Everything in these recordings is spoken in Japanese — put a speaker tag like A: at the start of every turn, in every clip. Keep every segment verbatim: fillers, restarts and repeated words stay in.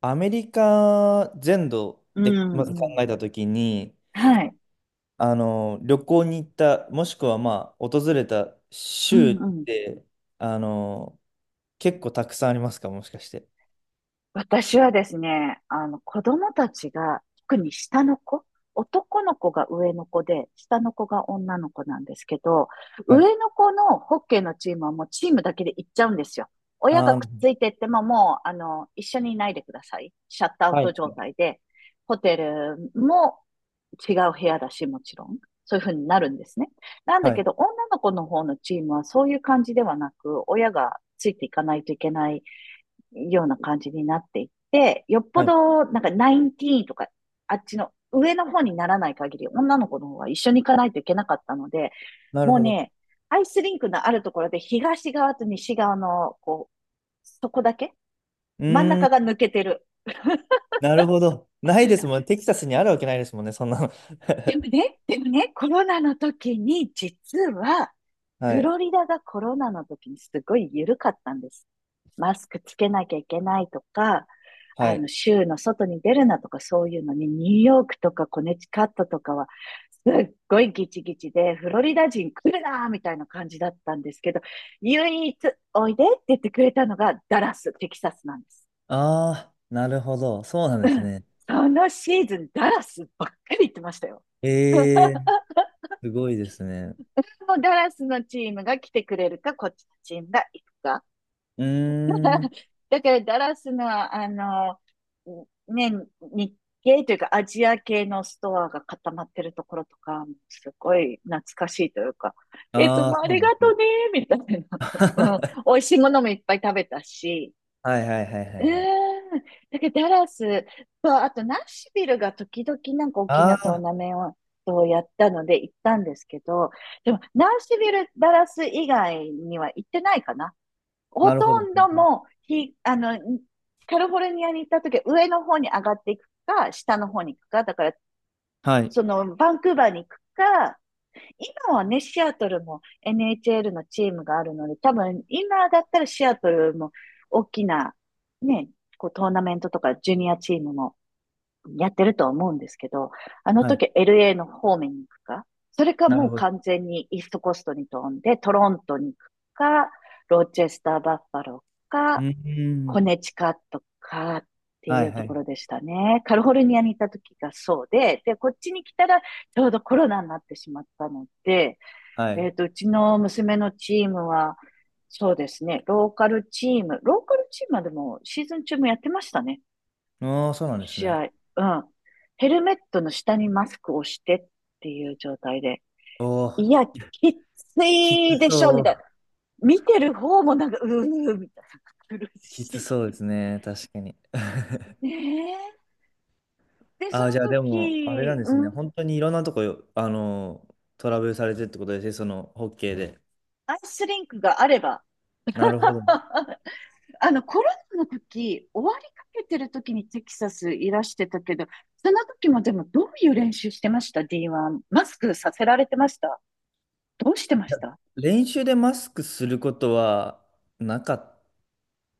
A: アメリカ全土
B: う
A: でまず考
B: んうん。
A: えたときに、
B: はい。
A: あの、旅行に行った、もしくはまあ、訪れた
B: う
A: 州
B: ん
A: っ
B: うん。
A: て、あの、結構たくさんありますか、もしかして。
B: 私はですね、あの、子供たちが、特に下の子、男の子が上の子で、下の子が女の子なんですけど、
A: はい。
B: 上の子のホッケーのチームはもうチームだけで行っちゃうんですよ。親が
A: あー、
B: くっついてってももう、あの、一緒にいないでください。シャットアウ
A: は
B: ト
A: い。
B: 状態で、ホテルも違う部屋だし、もちろん。そういうふうになるんですね。なんだ
A: はい。
B: けど、女の子の方のチームはそういう感じではなく、親がついていかないといけないような感じになっていって、よっぽ
A: はい。
B: ど、なんか、ナインティーンとか、あっちの上の方にならない限り、女の子の方は一緒に行かないといけなかったので、
A: なる
B: もう
A: ほど。
B: ね、アイスリンクのあるところで東側と西側の、こう、そこだけ
A: う
B: 真ん
A: ー
B: 中が
A: ん、
B: 抜けてる。
A: なるほど。ないですもんね。テキサスにあるわけないですもんね、そんなの。
B: ね、でもね、コロナの時に、実は、
A: は
B: フ
A: い。
B: ロリダがコロナの時にすごい緩かったんです。マスクつけなきゃいけないとか、
A: は
B: あの、
A: い。
B: 州の外に出るなとかそういうのに、ニューヨークとかコネチカットとかは、すっごいギチギチで、フロリダ人来るなーみたいな感じだったんですけど、唯一おいでって言ってくれたのがダラス、テキサスなんです。
A: ああ、なるほど。そうなん
B: う
A: です
B: ん。
A: ね。
B: そのシーズン、ダラスばっかり行ってましたよ。
A: ええ、すごいですね。
B: ダラスのチームが来てくれるか、こっちのチームが行くか。
A: うーん。
B: だからダラスの、あの、ね、日系というかアジア系のストアが固まってるところとか、すごい懐かしいというか、いつ
A: ああ、
B: もあ
A: そう
B: り
A: な
B: が
A: んですね。
B: とね、みたいな。うん。美味しいものもいっぱい食べたし、
A: はいはいはいは
B: う
A: いはい。
B: ーん。だけど、ダラスと、あと、ナッシュビルが時々なんか大き
A: あ
B: なトー
A: あ、
B: ナメントをやったので行ったんですけど、でも、ナッシュビル、ダラス以外には行ってないかな。ほ
A: なるほ
B: と
A: ど。
B: ん
A: な
B: ど
A: るほど。
B: もう、ひ、あの、カリフォルニアに行った時は上の方に上がっていくか、下の方に行くか、だから、
A: はい。
B: その、バンクーバーに行くか、今はね、シアトルも エヌエイチエル のチームがあるので、多分今だったらシアトルも大きなね、こうトーナメントとかジュニアチームもやってると思うんですけど、あの
A: はい。
B: 時 エルエー の方面に行くか、それか
A: な
B: も
A: る
B: う
A: ほ
B: 完
A: ど。
B: 全にイーストコーストに飛んでトロントに行くか、ロチェスターバッファロー
A: う
B: か、
A: ーん。
B: コネチカットかって
A: は
B: い
A: い
B: うと
A: は
B: こ
A: い。
B: ろでしたね。カリフォルニアにいた時がそうで、で、こっちに来たらちょうどコロナになってしまったので、
A: は
B: え
A: い。
B: っと、うちの娘のチームは、そうですね、ローカルチーム、ローカルチームはでもシーズン中もやってましたね、
A: ああ、そうなんです
B: 試
A: ね。
B: 合。うん。ヘルメットの下にマスクをしてっていう状態で、
A: おお、
B: いや、きつ
A: きつ
B: いでしょ、
A: そ
B: みたいな。
A: う。
B: 見てる方もなんか、うー、みたいな。苦
A: きつ
B: し
A: そうですね。確かに。
B: い。ねえ。で、そ
A: ああ、じ
B: の
A: ゃあでも、あれなん
B: 時、
A: です
B: う
A: ね。
B: ん、
A: 本当にいろんなとこよ、あの、トラブルされてってことですね。その、ホッケーで。
B: アイスリンクがあれば
A: なるほど。い
B: あの、コロナの時、終わりかけてる時にテキサスいらしてたけど、その時もでもどういう練習してました？ ディーワン。マスクさせられてましたどうしてま
A: や
B: した
A: 練習でマスクすることはなかっ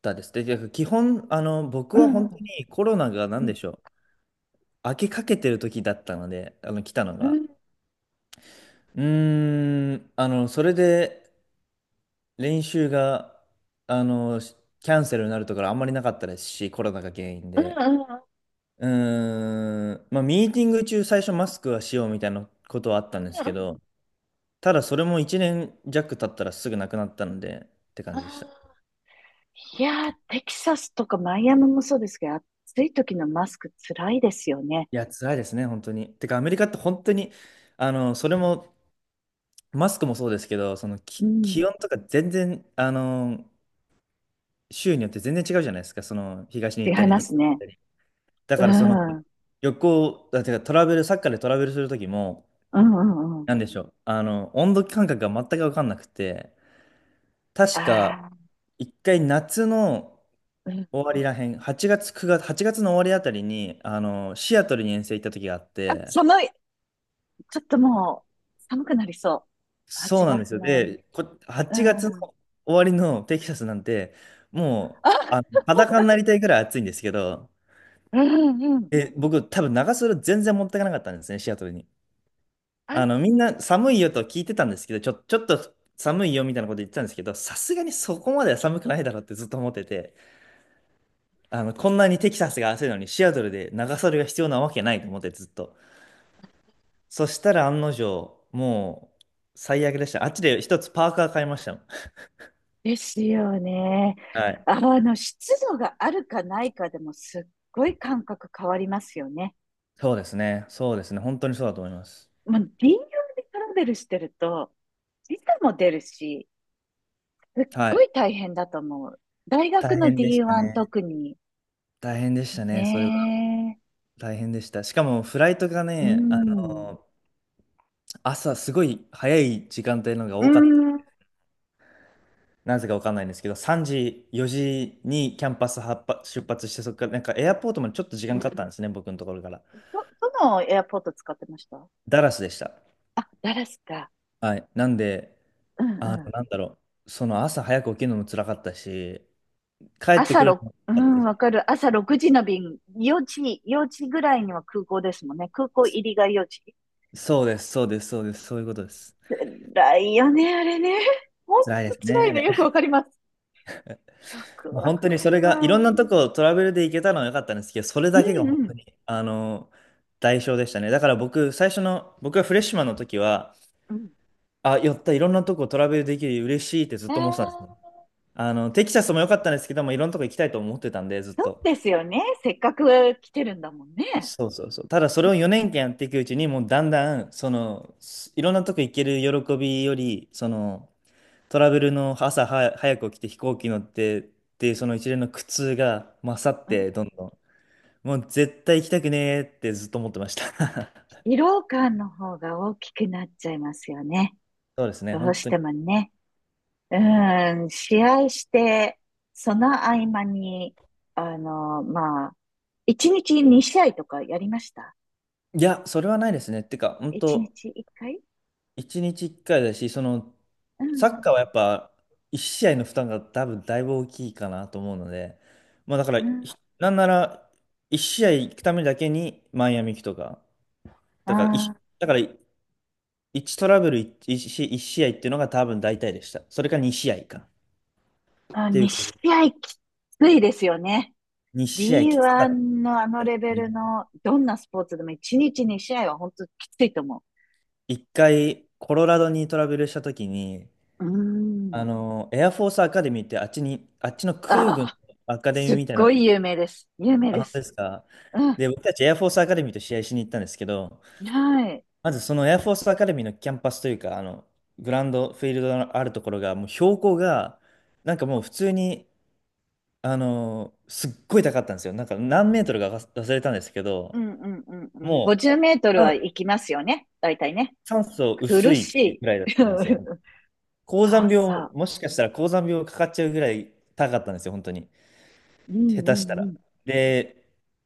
A: たですね。で、基本、あの、僕
B: う
A: は
B: んう
A: 本当
B: ん。
A: にコロナが
B: う
A: 何
B: ん。
A: でしょう。開けかけてる時だったので、あの、来たの
B: う
A: が。
B: ん。
A: うーん、あの、それで練習が、あの、しキャンセルになるところあんまりなかったですし、コロナが原因
B: うん。
A: で。
B: うん。う
A: うーん、まあ、ミーティング中最初マスクはしようみたいなことはあったんです
B: んう
A: け
B: ん。
A: ど、ただそれもいちねん弱経ったらすぐなくなったので、って感
B: あー、
A: じでした。い
B: いやー、テキサスとかマイアミもそうですけど、暑い時のマスクつらいですよね。
A: や、辛いですね、本当に。てか、アメリカって本当に、あの、それも、マスクもそうですけど、その、
B: う
A: き
B: ん。
A: 気温とか全然、あの、州によって全然違うじゃないですか、その東に
B: 違
A: 行った
B: い
A: り
B: ま
A: 西に
B: す
A: 行っ
B: ね。
A: たり。だ
B: う
A: からその
B: ん。うん
A: 旅行、だからトラベル、サッカーでトラベルする時も、
B: うんうん。
A: なんでしょう、あの、温度感覚が全く分かんなくて、確か
B: ああ、
A: 一回夏の
B: うん。
A: 終わりらへん、はちがつ、くがつ、はちがつの終わりあたりに、あの、シアトルに遠征行った時があっ
B: あ、
A: て、
B: 寒い。ちょっともう、寒くなりそう。
A: そ
B: 8
A: うなんです
B: 月
A: よ。
B: の終わり。
A: で、こ、
B: う
A: はちがつの
B: ん。
A: 終わりのテキサスなんて、もう、あの、
B: あ、
A: 裸になりたいぐらい暑いんですけど、
B: うんうん。
A: え、僕、多分長袖全然持ってかなかったんですね、シアトルに。
B: あ、
A: あの、みんな寒いよと聞いてたんですけど、ちょ、ちょっと寒いよみたいなこと言ってたんですけど、さすがにそこまでは寒くないだろうってずっと思ってて、あの、こんなにテキサスが暑いのにシアトルで長袖が必要なわけないと思ってずっと。そしたら案の定、もう最悪でした。あっちで一つパーカー買いましたもん。
B: ですよね。
A: はい。
B: あの、湿度があるかないかでもすっごい感覚変わりますよね。
A: そうですね。そうですね。本当にそうだと思います。
B: もう林業でトラベルしてると、時差も出るし、すっ
A: は
B: ご
A: い。
B: い大変だと思う。大学
A: 大
B: の
A: 変でした
B: ディーワン
A: ね。
B: 特に。
A: 大変でしたね。それは
B: ね
A: 大変でした。しかもフライトが
B: え。う
A: ね、あ
B: ん。
A: の朝すごい早い時間帯のが
B: う
A: 多かった。
B: ん。
A: なぜかわかんないんですけど、さんじ、よじにキャンパス発発出発して、そこからなんかエアポートまでちょっと時間かかったんですね、僕のところから。
B: ど、どのエアポート使ってました？
A: ダラスでした。
B: あ、ダラスか。
A: はい。なんで、
B: うん
A: あの、
B: うん。
A: なんだろう、その朝早く起きるのも辛かったし、帰って
B: 朝
A: くる
B: ろく、
A: のも
B: う
A: 辛かった
B: ん、
A: し、
B: わかる。朝ろくじの便、よじ、よじぐらいには空港ですもんね。空港入りがよじ。
A: そうです、そうです、そうです、そういうことです。
B: 辛いよね、あれね。ほん
A: 辛いで
B: と
A: す
B: 辛
A: ね、
B: い
A: あ
B: ね
A: れ。
B: よくわか ります。よく
A: もう
B: わ
A: 本当
B: か
A: にそれ
B: る
A: が、いろん
B: わ。
A: なとこをトラベルで行けたのは良かったんですけど、それ
B: う
A: だけが
B: ん
A: 本
B: う
A: 当
B: ん。
A: に、あの、代償でしたね。だから僕、最初の、僕がフレッシュマンの時は、
B: うん。
A: あ、寄った、いろんなとこトラベルできる、嬉しいってずっ
B: あ
A: と思ってたんですね。
B: あ、
A: あの、テキサスも良かったんですけども、いろんなとこ行きたいと思ってたんで、ずっ
B: そう
A: と。
B: ですよね。せっかく来てるんだもんね。
A: そうそうそう。ただ、それをよねんかんやっていくうちに、もうだんだん、その、すいろんなとこ行ける喜びより、その、トラベルの朝は早く起きて飛行機乗ってっていう、その一連の苦痛が勝っ
B: うん、
A: て、どんどん。もう絶対行きたくねーってずっと思ってました。
B: 疲労感の方が大きくなっちゃいますよね。
A: そうですね、
B: どう
A: 本
B: し
A: 当
B: て
A: に。
B: もね。うん、試合して、その合間に、あの、まあ、一日に試合とかやりました？
A: いや、それはないですね。てか、本
B: 一
A: 当
B: 日いっかい
A: 一日一回だし、その、
B: うん
A: サ
B: う
A: ッカーはや
B: ん
A: っぱ、一試合の負担が多分だいぶ大きいかなと思うので、まあだから、
B: うん。
A: ひなんなら、一試合行くためだけにマイアミ行くとか、だから一、
B: あ
A: い
B: ー
A: だから一トラブル一一試一試合っていうのが多分大体でした。それかに試合か。っ
B: あ、
A: てい
B: に
A: うか、
B: 試合きついですよね。
A: に試合きつかった
B: ディーワン のあのレベル
A: ね。
B: のどんなスポーツでも一日に試合は本当きついと思
A: 一回、コロラドにトラベルした時に、
B: う。うー
A: あ
B: ん。
A: の、エアフォースアカデミーってあっちに、あっちの空
B: あ
A: 軍
B: あ、
A: のアカデミ
B: す
A: ーみ
B: っ
A: たい
B: ご
A: な、
B: い有名です。有名
A: あ、
B: で
A: 本当で
B: す。
A: すか。
B: うん。
A: で、僕たちエアフォースアカデミーと試合しに行ったんですけど、
B: はい。
A: まずそのエアフォースアカデミーのキャンパスというか、あの、グラウンド、フィールドのあるところが、もう標高が、なんかもう普通に、あの、すっごい高かったんですよ。なんか何メートルか忘れたんですけ
B: う
A: ど、
B: んうんうんうん。
A: も
B: ごじゅうメートル
A: う、
B: は
A: あ
B: 行きますよね。大体ね。
A: 酸素薄
B: 苦
A: い
B: し
A: ぐらいだっ
B: い。
A: たんで
B: そ
A: すよ。
B: う
A: 高山
B: そ
A: 病、
B: う。
A: もしかしたら高山病かかっちゃうぐらい高かったんですよ、本当に。
B: う
A: 下
B: ん
A: 手した
B: う
A: ら。
B: ん
A: で、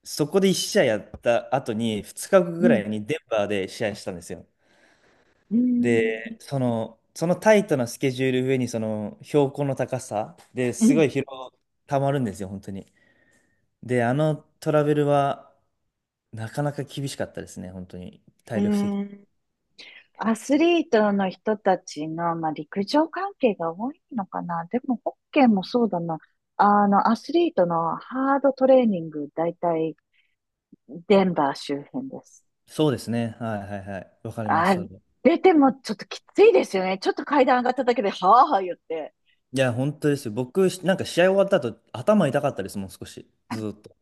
A: そこでいち試合やった後に、ふつかご
B: う
A: ぐら
B: ん。
A: いにデンバーで試合したんですよ。
B: うん。
A: で、その、そのタイトなスケジュール上に、その標高の高さで
B: うん。う
A: すご
B: ん。
A: い疲労たまるんですよ、本当に。で、あのトラベルは、なかなか厳しかったですね、本当に。
B: う
A: 体力的に。
B: ん。アスリートの人たちの、まあ、陸上関係が多いのかな。でも、ホッケーもそうだな。あの、アスリートのハードトレーニング、だいたいデンバー周辺です。
A: そうですね。はいはいはい。わかります、
B: あ、
A: それは。
B: 出てもちょっときついですよね。ちょっと階段上がっただけで、はあはあ言って、
A: いや、本当で
B: い
A: すよ。僕、なんか試合終わった後、頭痛かったです、もう少し。ずーっと。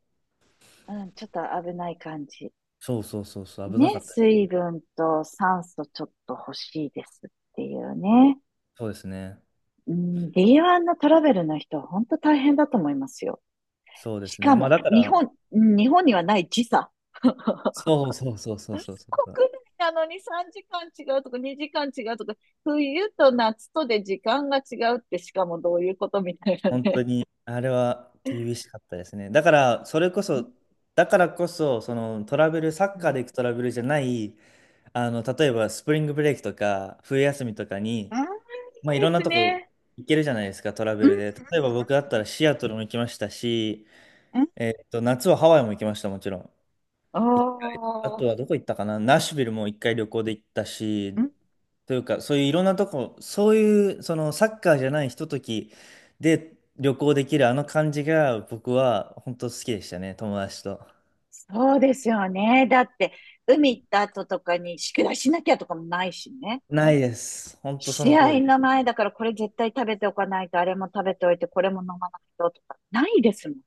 B: うん、ちょっと危ない感じ。
A: そうそうそうそう、危なか
B: ね、
A: った。
B: 水分と酸素ちょっと欲しいですっていうね。
A: そうですね。
B: うん、ディーワン のトラベルの人は本当大変だと思いますよ。
A: そうで
B: し
A: す
B: か
A: ね。まあ
B: も、
A: だか
B: 日
A: ら、
B: 本、うん、日本にはない時差。
A: そうそうそうそうそうそう。
B: 国内なのにさんじかん違うとかにじかん違うとか、冬と夏とで時間が違うってしかもどういうことみたいな
A: 本当
B: ね。
A: に、あれは厳しかったですね。だから、それこ
B: うん。
A: そ、だからこそ、そのトラベル、サッ
B: う
A: カーで
B: ん、
A: 行くトラベルじゃない、あの、例えばスプリングブレイクとか、冬休みとかに、まあいろん
B: で
A: な
B: す
A: とこ
B: ね。
A: 行けるじゃないですか、トラベルで。例えば僕だったらシアトルも行きましたし、
B: うん。
A: えっと、夏はハワイも行きました、もちろん。
B: お
A: 一回あ
B: ー。
A: とはどこ行ったかな、ナッシュビルも一回旅行で行ったし、というか、そういういろんなとこ、そういう、そのサッカーじゃないひとときで旅行できるあの感じが僕は本当好きでしたね、友達と。
B: そうですよね。だって、海行った後とかに宿題しなきゃとかもないしね。
A: ないです。本当その
B: 試
A: 通
B: 合
A: りで。
B: の前だからこれ絶対食べておかないと、あれも食べておいて、これも飲まないととか、ないですもん。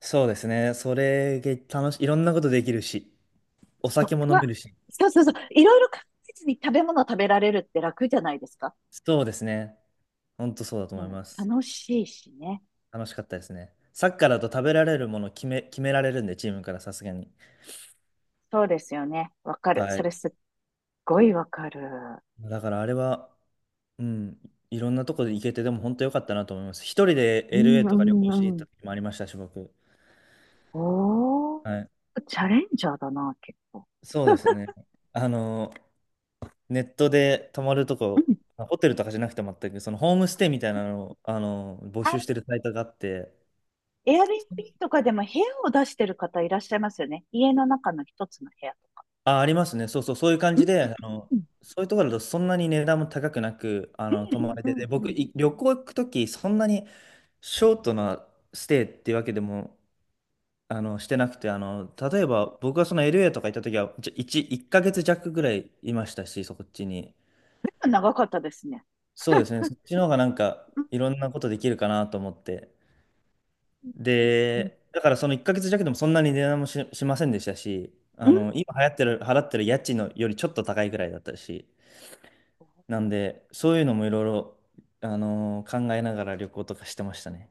A: そうですね。それが楽しい。いろんなことできるし、お
B: そっ
A: 酒も飲
B: か。
A: めるし。
B: そうそうそう。いろいろ考えずに食べ物食べられるって楽じゃないですか。
A: そうですね。本当そうだと
B: う
A: 思い
B: ん、
A: ます。
B: 楽しいしね。
A: 楽しかったですね。サッカーだと食べられるもの決め、決められるんで、チームからさすがに。
B: そうですよね。わかる。
A: は
B: そ
A: い。
B: れすっごいわかる。
A: だからあれは、うん、いろんなとこで行けて、でも本当良かったなと思います。一人で
B: うん
A: エルエー
B: う
A: とか旅行しに
B: ん
A: 行っ
B: うん。
A: た時もありましたし、僕。
B: おー、
A: はい。
B: チャレンジャーだな、結構。
A: そうですね。あの、ネットで泊まると
B: う
A: こ、
B: ん。
A: ホテルとかじゃなくて全く、そのホームステイみたいなのを、あの、募集してるサイトがあって、
B: エアビービーとかでも部屋を出してる方いらっしゃいますよね。家の中の一つの部屋と。
A: あ、ありますね。そうそう、そういう感
B: うん、
A: じで、あの、
B: うん、
A: そういうところだとそんなに値段も高くなく、あの、泊まれ
B: う
A: て
B: ん、
A: て、
B: う
A: 僕、
B: ん、
A: い旅行行くとき、そんなにショートなステイっていうわけでもあの、してなくて、あの、例えば僕がその エルエー とか行った時は、じゃ1、いっかげつ弱ぐらいいましたし、そこっちに。
B: うん。長かったですね。
A: そうですね、そっちの方がなんか
B: うん、
A: いろんなことできるかなと思って。
B: うん、うん。
A: で、だからそのいっかげつ弱でもそんなに値段もし、しませんでしたし、
B: う
A: あ
B: ん
A: の、今流行ってる、払ってる家賃のよりちょっと高いぐらいだったし、なんで、そういうのもいろいろ、あの考えながら旅行とかしてましたね。